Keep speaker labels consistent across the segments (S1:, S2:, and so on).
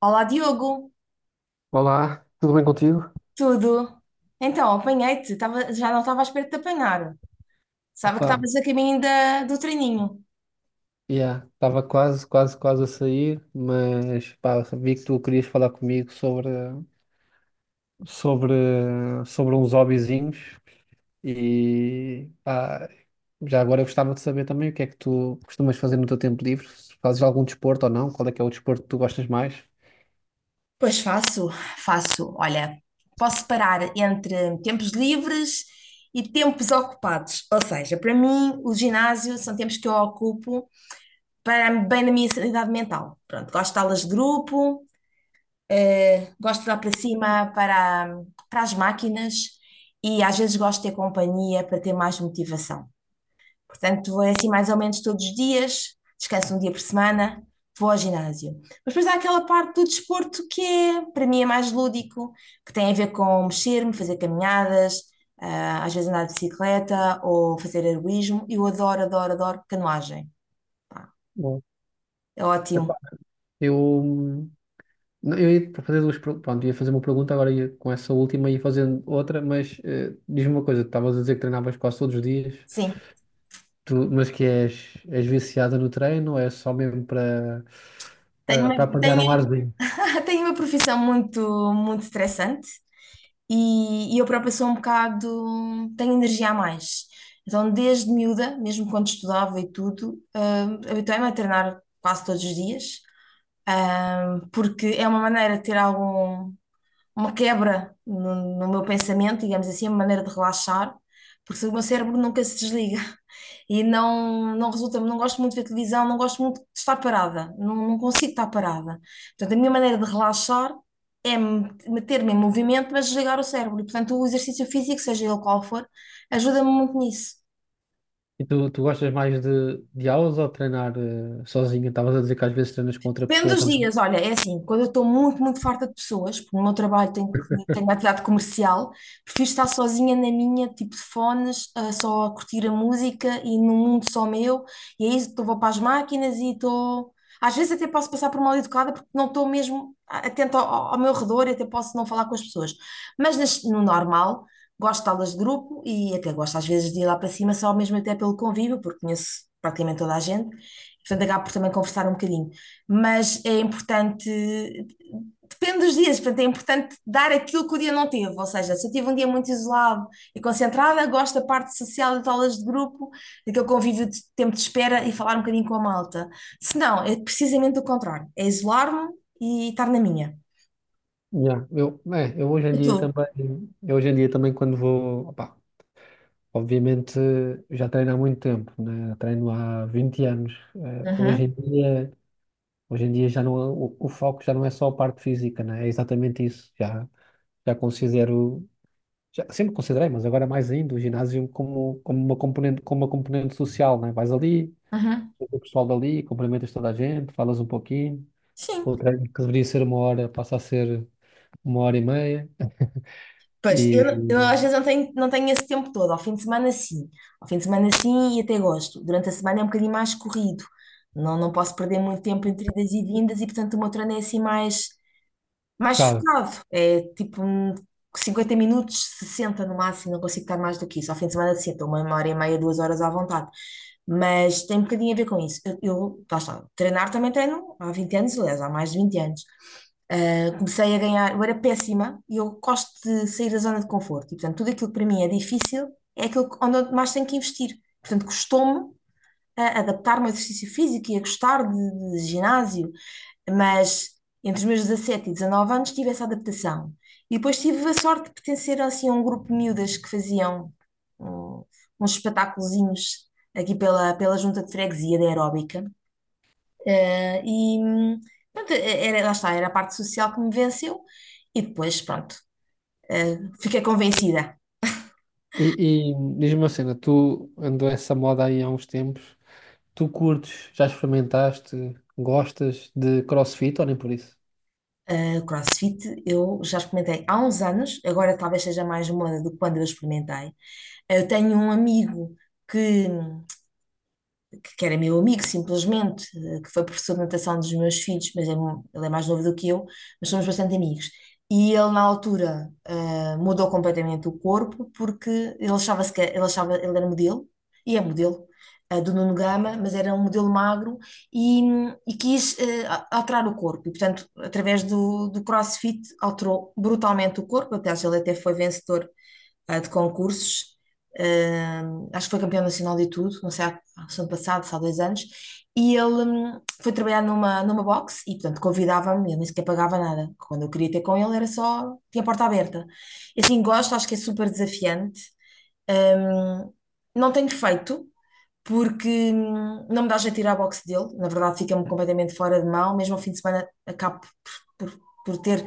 S1: Olá, Diogo,
S2: Olá, tudo bem contigo?
S1: tudo? Então, apanhei-te, já não estava à espera de te apanhar. Sabe que
S2: Opa,
S1: estavas a caminho do treininho.
S2: yeah, estava quase a sair, mas pá, vi que tu querias falar comigo sobre, sobre uns hobbyzinhos e pá, já agora eu gostava de saber também o que é que tu costumas fazer no teu tempo livre, se fazes algum desporto ou não, qual é que é o desporto que tu gostas mais?
S1: Pois faço, faço. Olha, posso parar entre tempos livres e tempos ocupados. Ou seja, para mim, o ginásio são tempos que eu ocupo para bem na minha sanidade mental. Pronto, gosto de aulas de grupo, gosto de dar para cima para as máquinas e às vezes gosto de ter companhia para ter mais motivação. Portanto, é assim mais ou menos todos os dias, descanso um dia por semana, vou ao ginásio. Mas depois há aquela parte do desporto que é, para mim, é mais lúdico, que tem a ver com mexer-me, fazer caminhadas, às vezes andar de bicicleta ou fazer heroísmo. Eu adoro, adoro, adoro canoagem. Pá,
S2: Bom,
S1: é
S2: epá,
S1: ótimo.
S2: eu, não, eu ia fazer pronto, ia fazer uma pergunta agora ia, com essa última e ia fazendo outra, mas diz-me uma coisa, estavas a dizer que treinavas quase todos os dias.
S1: Sim.
S2: Tu, és viciada no treino, ou é só mesmo
S1: Tenho
S2: para
S1: uma,
S2: apanhar um
S1: tenho,
S2: arzinho.
S1: tenho uma profissão muito, muito estressante. E eu própria sou um bocado, tenho energia a mais. Então, desde miúda, mesmo quando estudava e tudo, habituei-me a treinar quase todos os dias, porque é uma maneira de ter algum, uma quebra no meu pensamento, digamos assim, uma maneira de relaxar, porque o meu cérebro nunca se desliga e não resulta, não gosto muito de ver televisão, não gosto muito de estar parada, não consigo estar parada. Portanto, a minha maneira de relaxar é meter-me em movimento, mas desligar o cérebro. E, portanto, o exercício físico, seja ele qual for, ajuda-me muito nisso.
S2: E tu, tu gostas mais de aulas ou treinar sozinha? Estavas a dizer que às vezes treinas com outra
S1: Depende
S2: pessoa
S1: dos
S2: também.
S1: dias, olha, é assim, quando eu estou muito, muito farta de pessoas, porque no meu trabalho tenho, tenho uma atividade comercial, prefiro estar sozinha na minha, tipo de fones, só a curtir a música e num mundo só meu, e aí estou vou para as máquinas e estou. Às vezes até posso passar por mal educada porque não estou mesmo atenta ao meu redor e até posso não falar com as pessoas. Mas no normal, gosto de aulas de grupo e até gosto às vezes de ir lá para cima, só mesmo até pelo convívio, porque conheço praticamente toda a gente, portanto acabo por também conversar um bocadinho, mas é importante, depende dos dias, portanto, é importante dar aquilo que o dia não teve, ou seja, se eu tive um dia muito isolado e concentrada, gosto da parte social das aulas de grupo, daquele convívio de tempo de espera e falar um bocadinho com a malta. Se não, é precisamente o contrário, é isolar-me e estar na minha.
S2: Eu hoje em
S1: E tu?
S2: dia também, eu hoje em dia também quando vou, opá, obviamente já treino há muito tempo, né? Treino há 20 anos. Eh,
S1: Uhum,
S2: hoje em dia já não, o foco já não é só a parte física, né? É exatamente isso. Já considero já, sempre considerei, mas agora mais ainda, o ginásio como uma componente social, né? Vais ali,
S1: uhum.
S2: vês o pessoal dali, cumprimentas toda a gente, falas um pouquinho.
S1: Sim.
S2: O treino que deveria ser uma hora passa a ser uma hora e meia.
S1: Pois, eu,
S2: E,
S1: eu às vezes não tenho, não tenho esse tempo todo. Ao fim de semana, sim. Ao fim de semana, sim, e até gosto. Durante a semana é um bocadinho mais corrido. Não, não posso perder muito tempo entre idas e vindas e, portanto, o meu treino é assim mais. Mais
S2: claro.
S1: focado. É tipo um 50 minutos, 60 no máximo, não consigo estar mais do que isso. Ao fim de semana, sim, uma hora e meia, duas horas à vontade. Mas tem um bocadinho a ver com isso. Eu lá está, treinar também treino há 20 anos, aliás, há mais de 20 anos. Ah, comecei a ganhar, eu era péssima e eu gosto de sair da zona de conforto. E, portanto, tudo aquilo que para mim é difícil é aquilo onde eu mais tenho que investir. Portanto, custou-me a adaptar-me ao exercício físico e a gostar de ginásio, mas entre os meus 17 e 19 anos tive essa adaptação. E depois tive a sorte de pertencer assim a um grupo de miúdas que faziam hum, uns espetáculozinhos aqui pela junta de freguesia da aeróbica. Eh, e hum, pronto, era, lá está, era a parte social que me venceu. E depois, pronto, fiquei convencida.
S2: E, e diz-me uma cena, tu andou essa moda aí há uns tempos, tu curtes, já experimentaste, gostas de CrossFit ou nem por isso?
S1: O CrossFit eu já experimentei há uns anos, agora talvez seja mais moda do que quando eu experimentei. Eu tenho um amigo que que era meu amigo, simplesmente, que foi professor de natação dos meus filhos, mas é ele é mais novo do que eu, mas somos bastante amigos. E ele, na altura, mudou completamente o corpo, porque ele achava, ele era modelo, e é modelo, do Nuno Gama, mas era um modelo magro e, e quis alterar o corpo. E, portanto, através do CrossFit, alterou brutalmente o corpo. Aliás, ele até foi vencedor de concursos. Acho que foi campeão nacional de tudo, não sei, há ano passado, se há 2 anos, e ele foi trabalhar numa box e, portanto, convidava-me, ele nem sequer pagava nada. Quando eu queria ter com ele, era só, tinha a porta aberta. E assim, gosto, acho que é super desafiante. Hum, não tenho feito, porque não me dá jeito de ir à boxe dele. Na verdade, fica-me completamente fora de mão. Mesmo ao fim de semana, acabo por, por- por ter.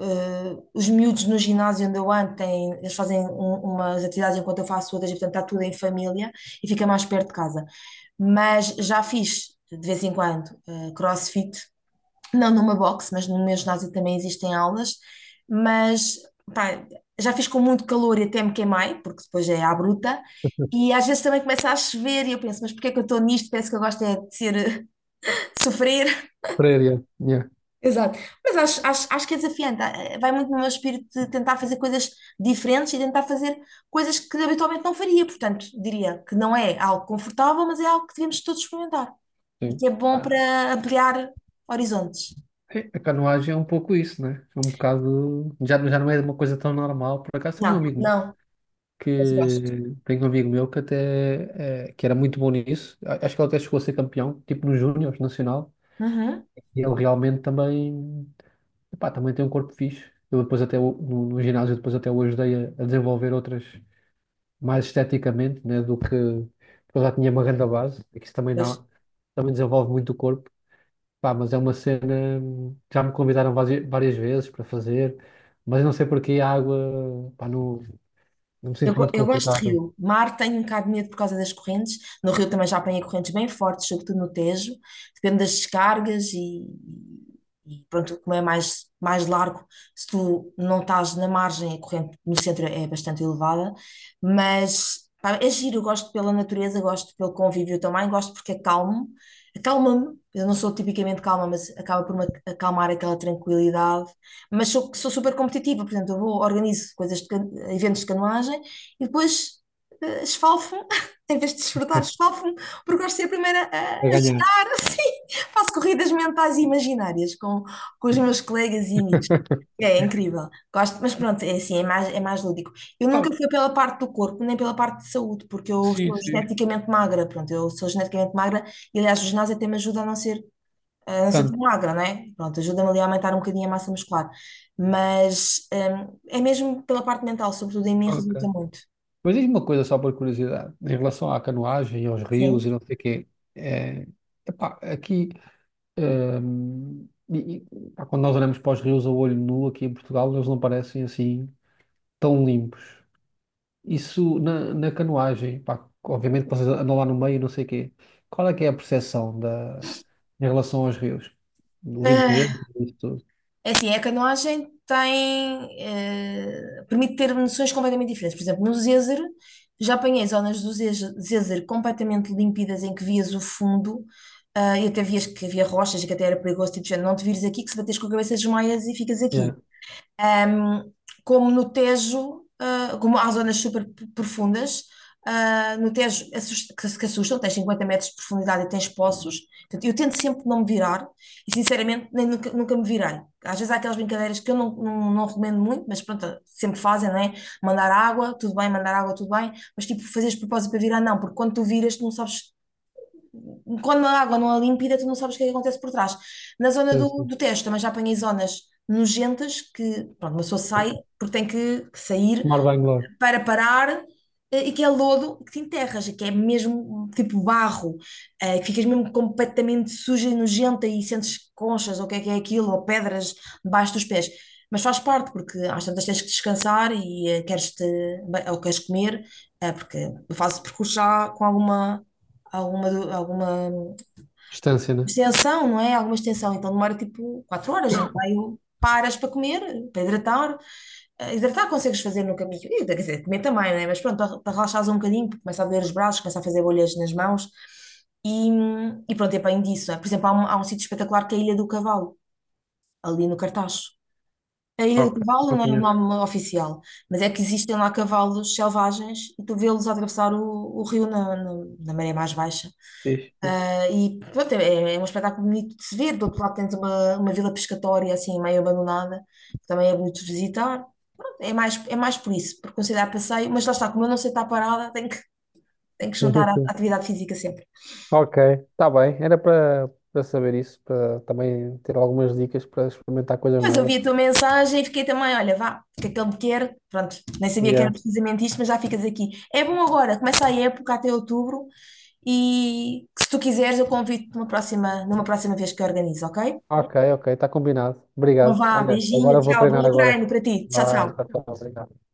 S1: Eh, os miúdos no ginásio onde eu ando têm, eles fazem umas atividades enquanto eu faço outras, e portanto está tudo em família e fica mais perto de casa. Mas já fiz de vez em quando CrossFit, não numa box, mas no meu ginásio também existem aulas, mas pá, já fiz com muito calor e até me queimei, porque depois é à bruta, e às vezes também começa a chover e eu penso, mas porquê é que eu estou nisto? Penso que eu gosto é de ser, de sofrer.
S2: Creio, yeah.
S1: Exato, mas acho, acho, acho que é desafiante. Ah, ah, vai muito no meu espírito de tentar fazer coisas diferentes e tentar fazer coisas que habitualmente não faria, portanto, diria que não é algo confortável, mas é algo que devemos todos experimentar e
S2: Sim.
S1: que é bom para ampliar horizontes.
S2: É, a canoagem é um pouco isso, né? É um bocado. Já não é uma coisa tão normal. Por acaso
S1: Não, não, mas eu gosto.
S2: tenho um amigo meu que até é, que era muito bom nisso. A- Acho que ele até chegou a ser campeão, tipo no Júnior Nacional.
S1: Aham.
S2: E ele realmente também, epá, também tem um corpo fixe. Eu depois até no, no ginásio depois até o ajudei a desenvolver outras mais esteticamente, né? Do que porque eu já tinha uma grande base, e que isso também
S1: Vai,
S2: dá, também desenvolve muito o corpo. Pá, mas é uma cena. Já me convidaram várias vezes para fazer, mas eu não sei porque a água, pá, não, não me
S1: eu,
S2: sinto muito
S1: eu gosto de
S2: confortável
S1: rio. Mar tenho um bocado de medo por causa das correntes. No rio também já apanhei correntes bem fortes, sobretudo no Tejo. Depende das descargas e pronto, como é mais, mais largo, se tu não estás na margem, a corrente no centro é bastante elevada. Mas pá, é giro, eu gosto pela natureza, gosto pelo convívio também, gosto porque é calmo. Acalma-me. Eu não sou tipicamente calma, mas acaba por me acalmar aquela tranquilidade. Mas sou, sou super competitiva, por exemplo, eu vou, organizo coisas de, eventos de canoagem e depois esfalfo, em vez de desfrutar, esfalfo-me, porque gosto de ser a primeira a
S2: a ganhar.
S1: estar assim. Faço corridas mentais e imaginárias com os meus colegas e amigos. É incrível, gosto, mas pronto, é assim, é mais lúdico. Eu nunca
S2: Ah,
S1: fui pela parte do corpo, nem pela parte de saúde, porque eu
S2: sim,
S1: sou
S2: sim.
S1: geneticamente magra, pronto, eu sou geneticamente magra e aliás o ginásio até me ajuda a a não ser tão
S2: Tanto.
S1: magra, não é? Pronto, ajuda-me ali a aumentar um bocadinho a massa muscular, mas é mesmo pela parte mental, sobretudo em mim
S2: Ok.
S1: resulta muito.
S2: Mas diz-me uma coisa só por curiosidade, em relação à canoagem, aos rios e
S1: Sim.
S2: não sei o quê. É, epá, aqui, e, pá, quando nós olhamos para os rios a olho nu aqui em Portugal, eles não parecem assim tão limpos. Isso na canoagem, pá, obviamente vocês andam lá no meio, não sei o quê. Qual é que é a em relação aos rios? Limpeza,
S1: Ah,
S2: isso tudo.
S1: É assim, é que a canoagem tem, permite ter noções completamente diferentes. Por exemplo, no Zézer, já apanhei zonas do Zézer completamente límpidas em que vias o fundo, ah, e até vias que havia rochas e que até era perigoso, tipo, de género, não te vires aqui que se bateres com a cabeça desmaias e ficas aqui.
S2: Yeah,
S1: Um, como no Tejo, como há zonas super profundas, no Tejo assust- que se que assustam, tens 50 metros de profundidade e tens poços. Portanto, eu tento sempre não me virar e, sinceramente, nem, nunca, nunca me virei. Às vezes há aquelas brincadeiras que eu não recomendo muito, mas pronto, sempre fazem, não é? Mandar água, tudo bem, mandar água, tudo bem, mas tipo, fazeres propósito para virar, não, porque quando tu viras, tu não sabes quando a água não é límpida, tu não sabes o que é que acontece por trás. Na zona
S2: sim, sim.
S1: do teste, também já apanhei zonas nojentas que, pronto, uma pessoa sai porque tem que sair
S2: Tomar banho logo.
S1: para parar, e que é lodo que te enterras, que é mesmo tipo barro, que ficas mesmo completamente suja e nojenta e sentes conchas ou o que é aquilo, ou pedras debaixo dos pés. Mas faz parte, porque às tantas tens que descansar e queres te, ou queres comer, porque fazes percurso já com alguma, alguma
S2: Distância, né?
S1: extensão, não é? Alguma extensão, então demora tipo 4 horas, né? Aí eu paras para comer, para hidratar. Ah, hidratar consegues fazer no caminho, e, quer dizer, comer também, não é? Mas pronto, para relaxares um bocadinho, porque começa a doer os braços, começa a fazer bolhas nas mãos e, e pronto, é bem disso, não é? Por exemplo, há um sítio espetacular que é a Ilha do Cavalo, ali no Cartaxo. A Ilha
S2: Ok,
S1: do Cavalo
S2: não
S1: não é o
S2: conheço.
S1: nome oficial, mas é que existem lá cavalos selvagens e tu vê-los atravessar o rio na maré mais baixa.
S2: Fixe, fixe.
S1: Ah, e pronto, é um espetáculo bonito de se ver. Do outro lado tens uma vila pescatória assim meio abandonada, que também é bonito de visitar. Pronto, é mais, é mais por isso, por considerar passeio, mas lá está, como eu não sei estar parada, tenho que
S2: Sim,
S1: juntar
S2: sim.
S1: a
S2: sim.
S1: atividade física sempre.
S2: Ok, está bem. Era para saber isso, para também ter algumas dicas para experimentar coisas
S1: Mas eu
S2: novas.
S1: vi a tua mensagem e fiquei também, olha, vá, o que é que ele me quer? Pronto, nem sabia que era
S2: Yeah.
S1: precisamente isto, mas já ficas aqui. É bom agora, começa a época até outubro e se tu quiseres eu convido-te numa próxima vez que eu organizo, ok?
S2: Ok, ok, está combinado.
S1: Então
S2: Obrigado.
S1: vá,
S2: Olha,
S1: beijinho,
S2: agora vou
S1: tchau,
S2: treinar
S1: bom
S2: agora.
S1: treino para ti. Tchau,
S2: Ah, tá,
S1: tchau.
S2: tá, obrigado.